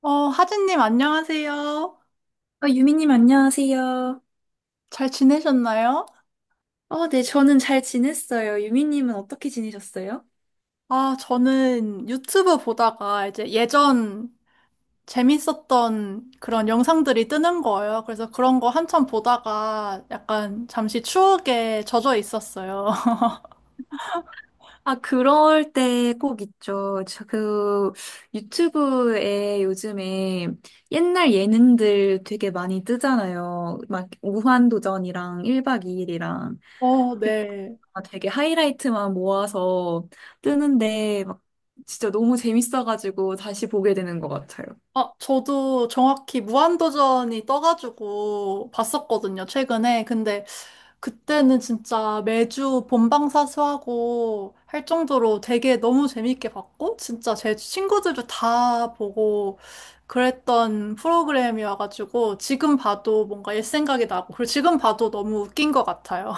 하진님, 안녕하세요. 어, 유미님 안녕하세요. 잘 지내셨나요? 어, 네, 저는 잘 지냈어요. 유미님은 어떻게 지내셨어요? 아, 저는 유튜브 보다가 이제 예전 재밌었던 그런 영상들이 뜨는 거예요. 그래서 그런 거 한참 보다가 약간 잠시 추억에 젖어 있었어요. 아, 그럴 때 꼭 있죠. 유튜브에 요즘에 옛날 예능들 되게 많이 뜨잖아요. 막 무한도전이랑 1박 2일이랑 어, 네. 되게 하이라이트만 모아서 뜨는데 막 진짜 너무 재밌어가지고 다시 보게 되는 것 같아요. 아, 저도 정확히 무한도전이 떠가지고 봤었거든요, 최근에. 근데 그때는 진짜 매주 본방사수하고 할 정도로 되게 너무 재밌게 봤고, 진짜 제 친구들도 다 보고 그랬던 프로그램이어가지고, 지금 봐도 뭔가 옛 생각이 나고, 그리고 지금 봐도 너무 웃긴 것 같아요.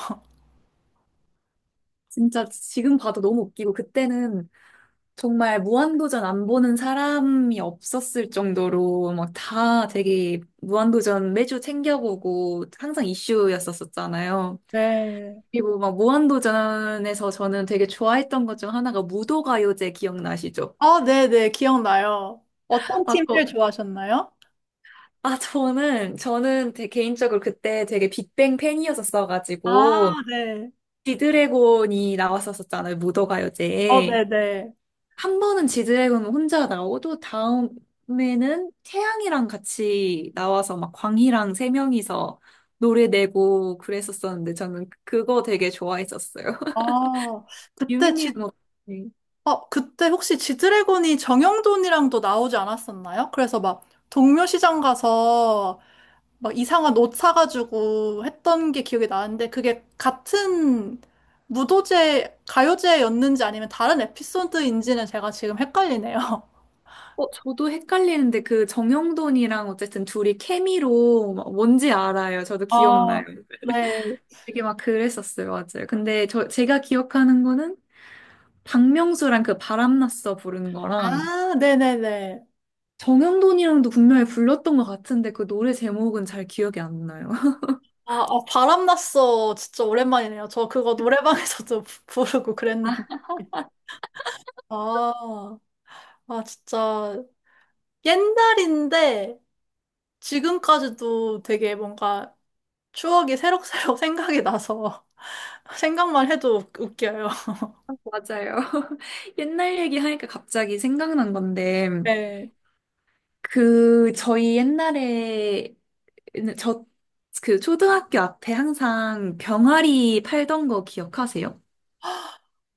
진짜 지금 봐도 너무 웃기고, 그때는 정말 무한도전 안 보는 사람이 없었을 정도로 막 다 되게 무한도전 매주 챙겨보고 항상 이슈였었었잖아요. 네. 그리고 막 무한도전에서 저는 되게 좋아했던 것 중 하나가 무도가요제 기억나시죠? 아, 네네, 기억나요. 어떤 아, 팀 제일 그, 좋아하셨나요? 저는 되게 개인적으로 그때 되게 빅뱅 아, 팬이었었어가지고 네. 지드래곤이 나왔었었잖아요, 어, 무도가요제에. 네네. 한 번은 지드래곤 혼자 나오고 다음에는 태양이랑 같이 나와서 막 광희랑 세 명이서 노래 내고 그랬었었는데, 저는 그거 되게 좋아했었어요. 어, 그때 유미님은 지, 어떠세요? 그때 혹시 지드래곤이 정형돈이랑도 나오지 않았었나요? 그래서 막 동묘시장 가서 막 이상한 옷 사가지고 했던 게 기억이 나는데 그게 같은 무도제, 가요제였는지 아니면 다른 에피소드인지는 제가 지금 헷갈리네요. 어, 저도 헷갈리는데 그 정형돈이랑 어쨌든 둘이 케미로 막, 뭔지 알아요. 저도 기억나요. 아, 네. 되게 막 그랬었어요. 맞아요. 근데 제가 기억하는 거는 박명수랑 그 바람났어 부르는 거랑 아, 네네네. 정형돈이랑도 분명히 불렀던 것 같은데 그 노래 제목은 잘 기억이 안 나요. 아, 아, 바람났어. 진짜 오랜만이네요. 저 그거 노래방에서도 부르고 그랬는데. 아, 아, 진짜. 옛날인데 지금까지도 되게 뭔가 추억이 새록새록 생각이 나서 생각만 해도 웃겨요. 맞아요. 옛날 얘기하니까 갑자기 생각난 건데, 네. 그 저희 옛날에 저 그 초등학교 앞에 항상 병아리 팔던 거 기억하세요?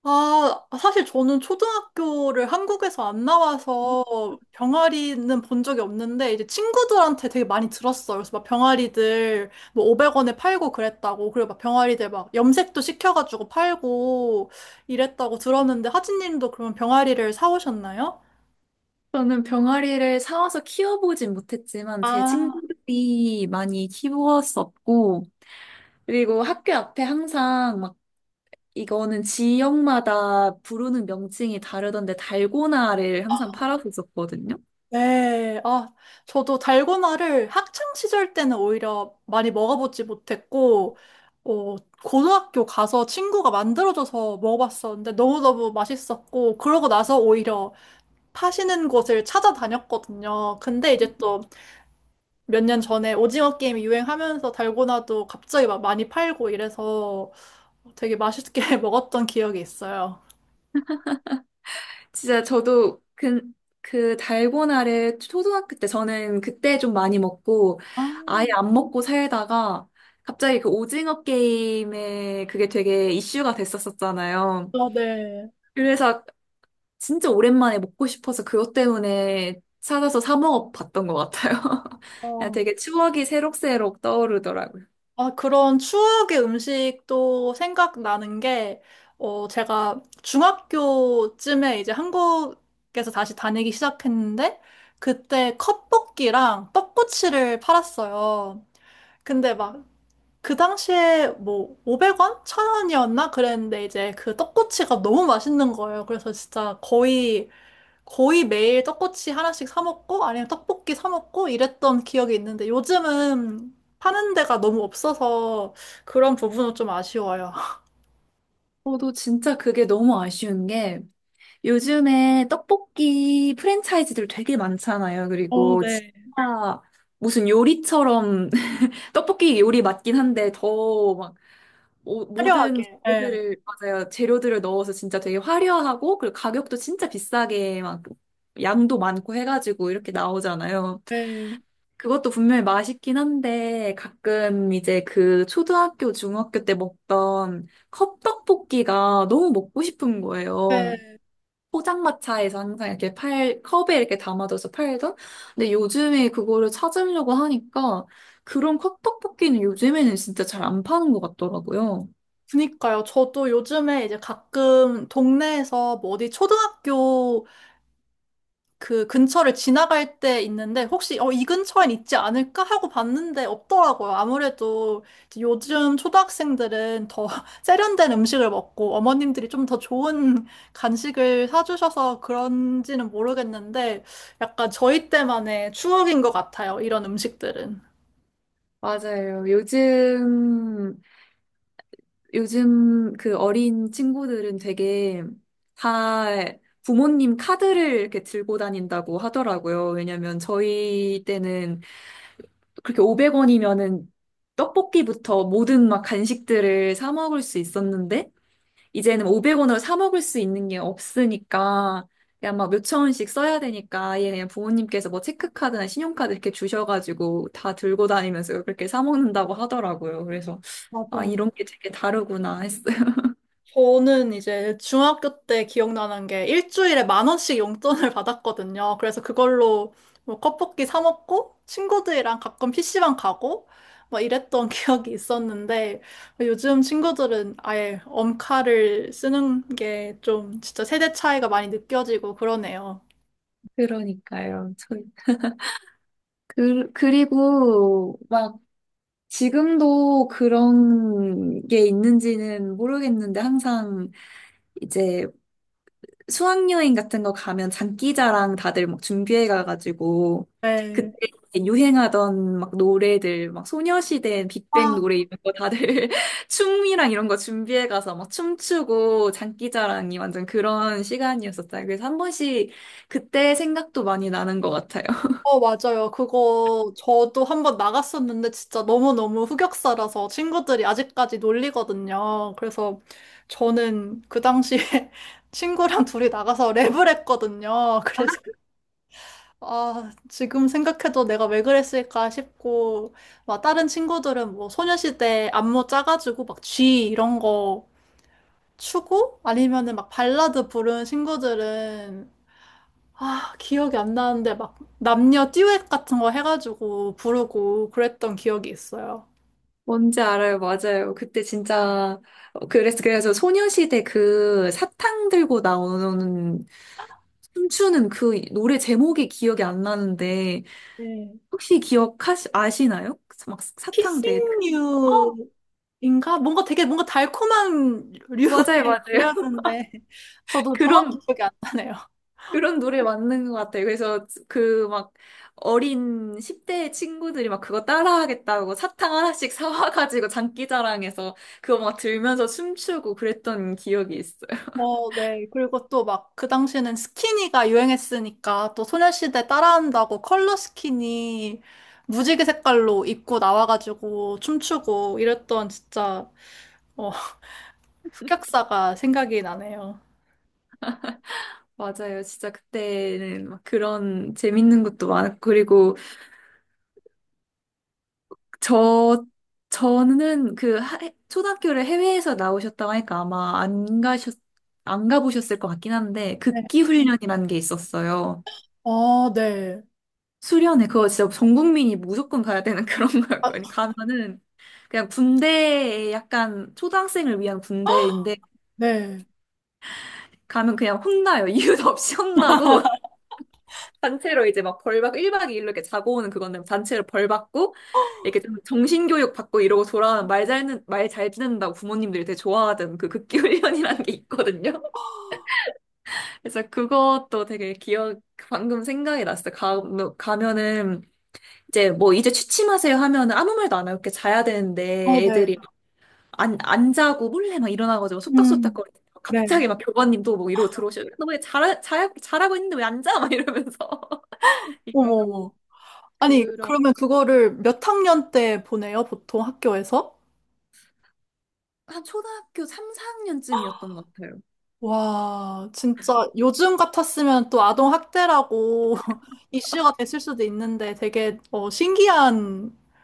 아, 사실 저는 초등학교를 한국에서 안 나와서 병아리는 본 적이 없는데 이제 친구들한테 되게 많이 들었어요. 그래서 막 병아리들 뭐 500원에 팔고 그랬다고 그리고 막 병아리들 막 염색도 시켜가지고 팔고 이랬다고 들었는데 하진님도 그러면 병아리를 사오셨나요? 저는 병아리를 사와서 키워보진 못했지만 제 아, 친구들이 많이 키웠었고, 그리고 학교 앞에 항상 막, 이거는 지역마다 부르는 명칭이 다르던데 달고나를 항상 팔았었거든요. 네, 아, 저도 달고나를 학창 시절 때는 오히려 많이 먹어보지 못했고, 어, 고등학교 가서 친구가 만들어줘서 먹어봤었는데 너무너무 맛있었고, 그러고 나서 오히려 파시는 곳을 찾아다녔거든요. 근데 이제 또 몇 년 전에 오징어 게임이 유행하면서 달고나도 갑자기 막 많이 팔고 이래서 되게 맛있게 먹었던 기억이 있어요. 진짜 저도 그, 그 달고나를 초등학교 때 저는 그때 좀 많이 먹고 아, 아예 안 먹고 살다가 갑자기 그 오징어 게임에 그게 되게 이슈가 됐었었잖아요. 아, 네. 그래서 진짜 오랜만에 먹고 싶어서 그것 때문에 찾아서 사 먹어 봤던 것 같아요. 그냥 어. 되게 추억이 새록새록 떠오르더라고요. 아, 그런 추억의 음식도 생각나는 게, 제가 중학교쯤에 이제 한국에서 다시 다니기 시작했는데, 그때 컵볶이랑 떡꼬치를 팔았어요. 근데 막, 그 당시에 뭐, 500원? 1000원이었나? 그랬는데, 이제 그 떡꼬치가 너무 맛있는 거예요. 그래서 진짜 거의 매일 떡꼬치 하나씩 사 먹고 아니면 떡볶이 사 먹고 이랬던 기억이 있는데 요즘은 파는 데가 너무 없어서 그런 부분은 좀 아쉬워요. 저도 진짜 그게 너무 아쉬운 게, 요즘에 떡볶이 프랜차이즈들 되게 많잖아요. 어, 그리고 네. 진짜 무슨 요리처럼 떡볶이 요리 맞긴 한데, 더 막 모든 화려하게. 예. 재료들을, 맞아요, 재료들을 넣어서 진짜 되게 화려하고 그리고 가격도 진짜 비싸게 막 양도 많고 해가지고 이렇게 나오잖아요. 네. 네, 그것도 분명히 맛있긴 한데 가끔 이제 그 초등학교, 중학교 때 먹던 컵떡볶이가 너무 먹고 싶은 거예요. 네. 포장마차에서 항상 이렇게 팔, 컵에 이렇게 담아줘서 팔던? 근데 요즘에 그거를 찾으려고 하니까 그런 컵떡볶이는 요즘에는 진짜 잘 안 파는 것 같더라고요. 그니까요. 저도 요즘에 이제 가끔 동네에서 뭐 어디 초등학교 그 근처를 지나갈 때 있는데 혹시 이 근처엔 있지 않을까 하고 봤는데 없더라고요. 아무래도 이제 요즘 초등학생들은 더 세련된 음식을 먹고 어머님들이 좀 더 좋은 간식을 사주셔서 그런지는 모르겠는데 약간 저희 때만의 추억인 것 같아요. 이런 음식들은. 맞아요. 요즘 그 어린 친구들은 되게 다 부모님 카드를 이렇게 들고 다닌다고 하더라고요. 왜냐면 저희 때는 그렇게 500원이면은 떡볶이부터 모든 막 간식들을 사 먹을 수 있었는데, 이제는 500원으로 사 먹을 수 있는 게 없으니까 그냥 막 몇천 원씩 써야 되니까 아예 그냥 부모님께서 뭐 체크카드나 신용카드 이렇게 주셔가지고 다 들고 다니면서 그렇게 사 먹는다고 하더라고요. 그래서 아, 맞아요. 이런 게 되게 다르구나 했어요. 저는 이제 중학교 때 기억나는 게 일주일에 10,000원씩 용돈을 받았거든요. 그래서 그걸로 뭐 컵볶이 사 먹고 친구들이랑 가끔 PC방 가고 막 이랬던 기억이 있었는데 요즘 친구들은 아예 엄카를 쓰는 게 좀 진짜 세대 차이가 많이 느껴지고 그러네요. 그러니까요. 그리고 막 지금도 그런 게 있는지는 모르겠는데, 항상 이제 수학여행 같은 거 가면 장기자랑 다들 막 준비해 가가지고 네. 그때 유행하던 막 노래들, 막 소녀시대 빅뱅 아, 노래 이런 거 다들 춤이랑 이런 거 준비해 가서 막 춤추고 장기자랑이 완전 그런 시간이었었잖아요. 그래서 한 번씩 그때 생각도 많이 나는 것 같아요. 어, 맞아요. 그거 저도 한번 나갔었는데 진짜 너무너무 흑역사라서 친구들이 아직까지 놀리거든요. 그래서 저는 그 당시에 친구랑 둘이 나가서 랩을 했거든요. 그래서 아, 지금 생각해도 내가 왜 그랬을까 싶고 막 다른 친구들은 뭐 소녀시대 안무 짜가지고 막 G 이런 거 추고 아니면은 막 발라드 부른 친구들은 아, 기억이 안 나는데 막 남녀 듀엣 같은 거 해가지고 부르고 그랬던 기억이 있어요. 뭔지 알아요. 맞아요. 그때 진짜 어, 그래서 소녀시대 그 사탕 들고 나오는 춤추는 그 노래 제목이 기억이 안 나는데, 네. 혹시 기억하시 아시나요? 막 사탕 되게 큰, 어, 피싱류인가? 뭔가 되게 뭔가 달콤한 류의 맞아요. 맞아요. 노래였는데 저도 정확히 그런 기억이 안 나네요. 그런 노래 맞는 것 같아요. 그래서 그 막 어린 10대 친구들이 막 그거 따라하겠다고 사탕 하나씩 사와가지고 장기자랑해서 그거 막 들면서 춤추고 그랬던 기억이 있어요. 어, 네. 그리고 또 막 그 당시에는 스키니가 유행했으니까 또 소녀시대 따라한다고 컬러 스키니 무지개 색깔로 입고 나와가지고 춤추고 이랬던 진짜 어, 흑역사가 생각이 나네요. 맞아요. 진짜 그때는 막 그런 재밌는 것도 많았고, 그리고 저, 저는 초등학교를 해외에서 나오셨다고 하니까 아마 안 가보셨을 것 같긴 한데, 극기 훈련이라는 게 있었어요. 아, 네. 수련회, 그거 진짜 전 국민이 무조건 가야 되는 그런 아, 거였거든요. 가면은 그냥 군대에 약간 초등학생을 위한 군대인데, 네. 가면 그냥 혼나요. 이유도 없이 혼나고. 단체로 이제 막 벌받고 1박 2일로 이렇게 자고 오는 그건데, 단체로 벌받고 이렇게 좀 정신교육 받고 이러고 돌아오는, 말잘 듣는 말 잘 듣는다고 부모님들이 되게 좋아하던 그 극기훈련이라는 게 있거든요. 그래서 그것도 되게 기억, 방금 생각이 났어요. 가, 뭐 가면은 이제 뭐 이제 취침하세요 하면은 아무 말도 안 하고 이렇게 자야 아, 되는데, 네. 애들이 안 자고 몰래 막 일어나가지고 음. 속닥속닥거리고 네. 갑자기 막 교관님도 뭐 이러고 들어오시고, 너 왜 잘하고 있는데 왜 안 자? 막 이러면서 어머, 이러고. 어머. 아니, 그러면 그거를 몇 학년 때 보내요, 보통 학교에서? 한 초등학교 3, 4학년쯤이었던 것 같아요. 와, 진짜 요즘 같았으면 또 아동학대라고 이슈가 됐을 수도 있는데 되게 신기하네요.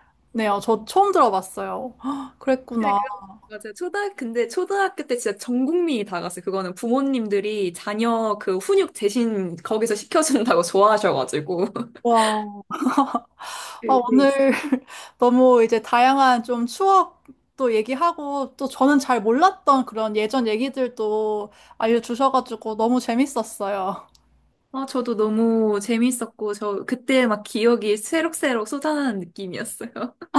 저 처음 들어봤어요. 근데 그랬구나. 그, 맞아요. 근데 초등학교 때 진짜 전 국민이 다 갔어요. 그거는 부모님들이 자녀 그 훈육 대신 거기서 시켜준다고 좋아하셔가지고. 와. 아, 그, 네. 오늘 너무 이제 다양한 좀 추억도 얘기하고 또 저는 잘 몰랐던 그런 예전 얘기들도 알려주셔가지고 너무 재밌었어요. 아, 저도 너무 재밌었고, 저 그때 막 기억이 새록새록 쏟아나는 느낌이었어요.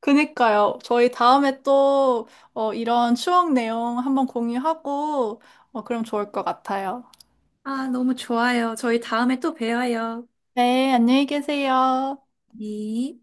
그니까요. 저희 다음에 또 이런 추억 내용 한번 공유하고 그럼 좋을 것 같아요. 아, 너무 좋아요. 저희 다음에 또 봬요. 네, 안녕히 계세요. 네.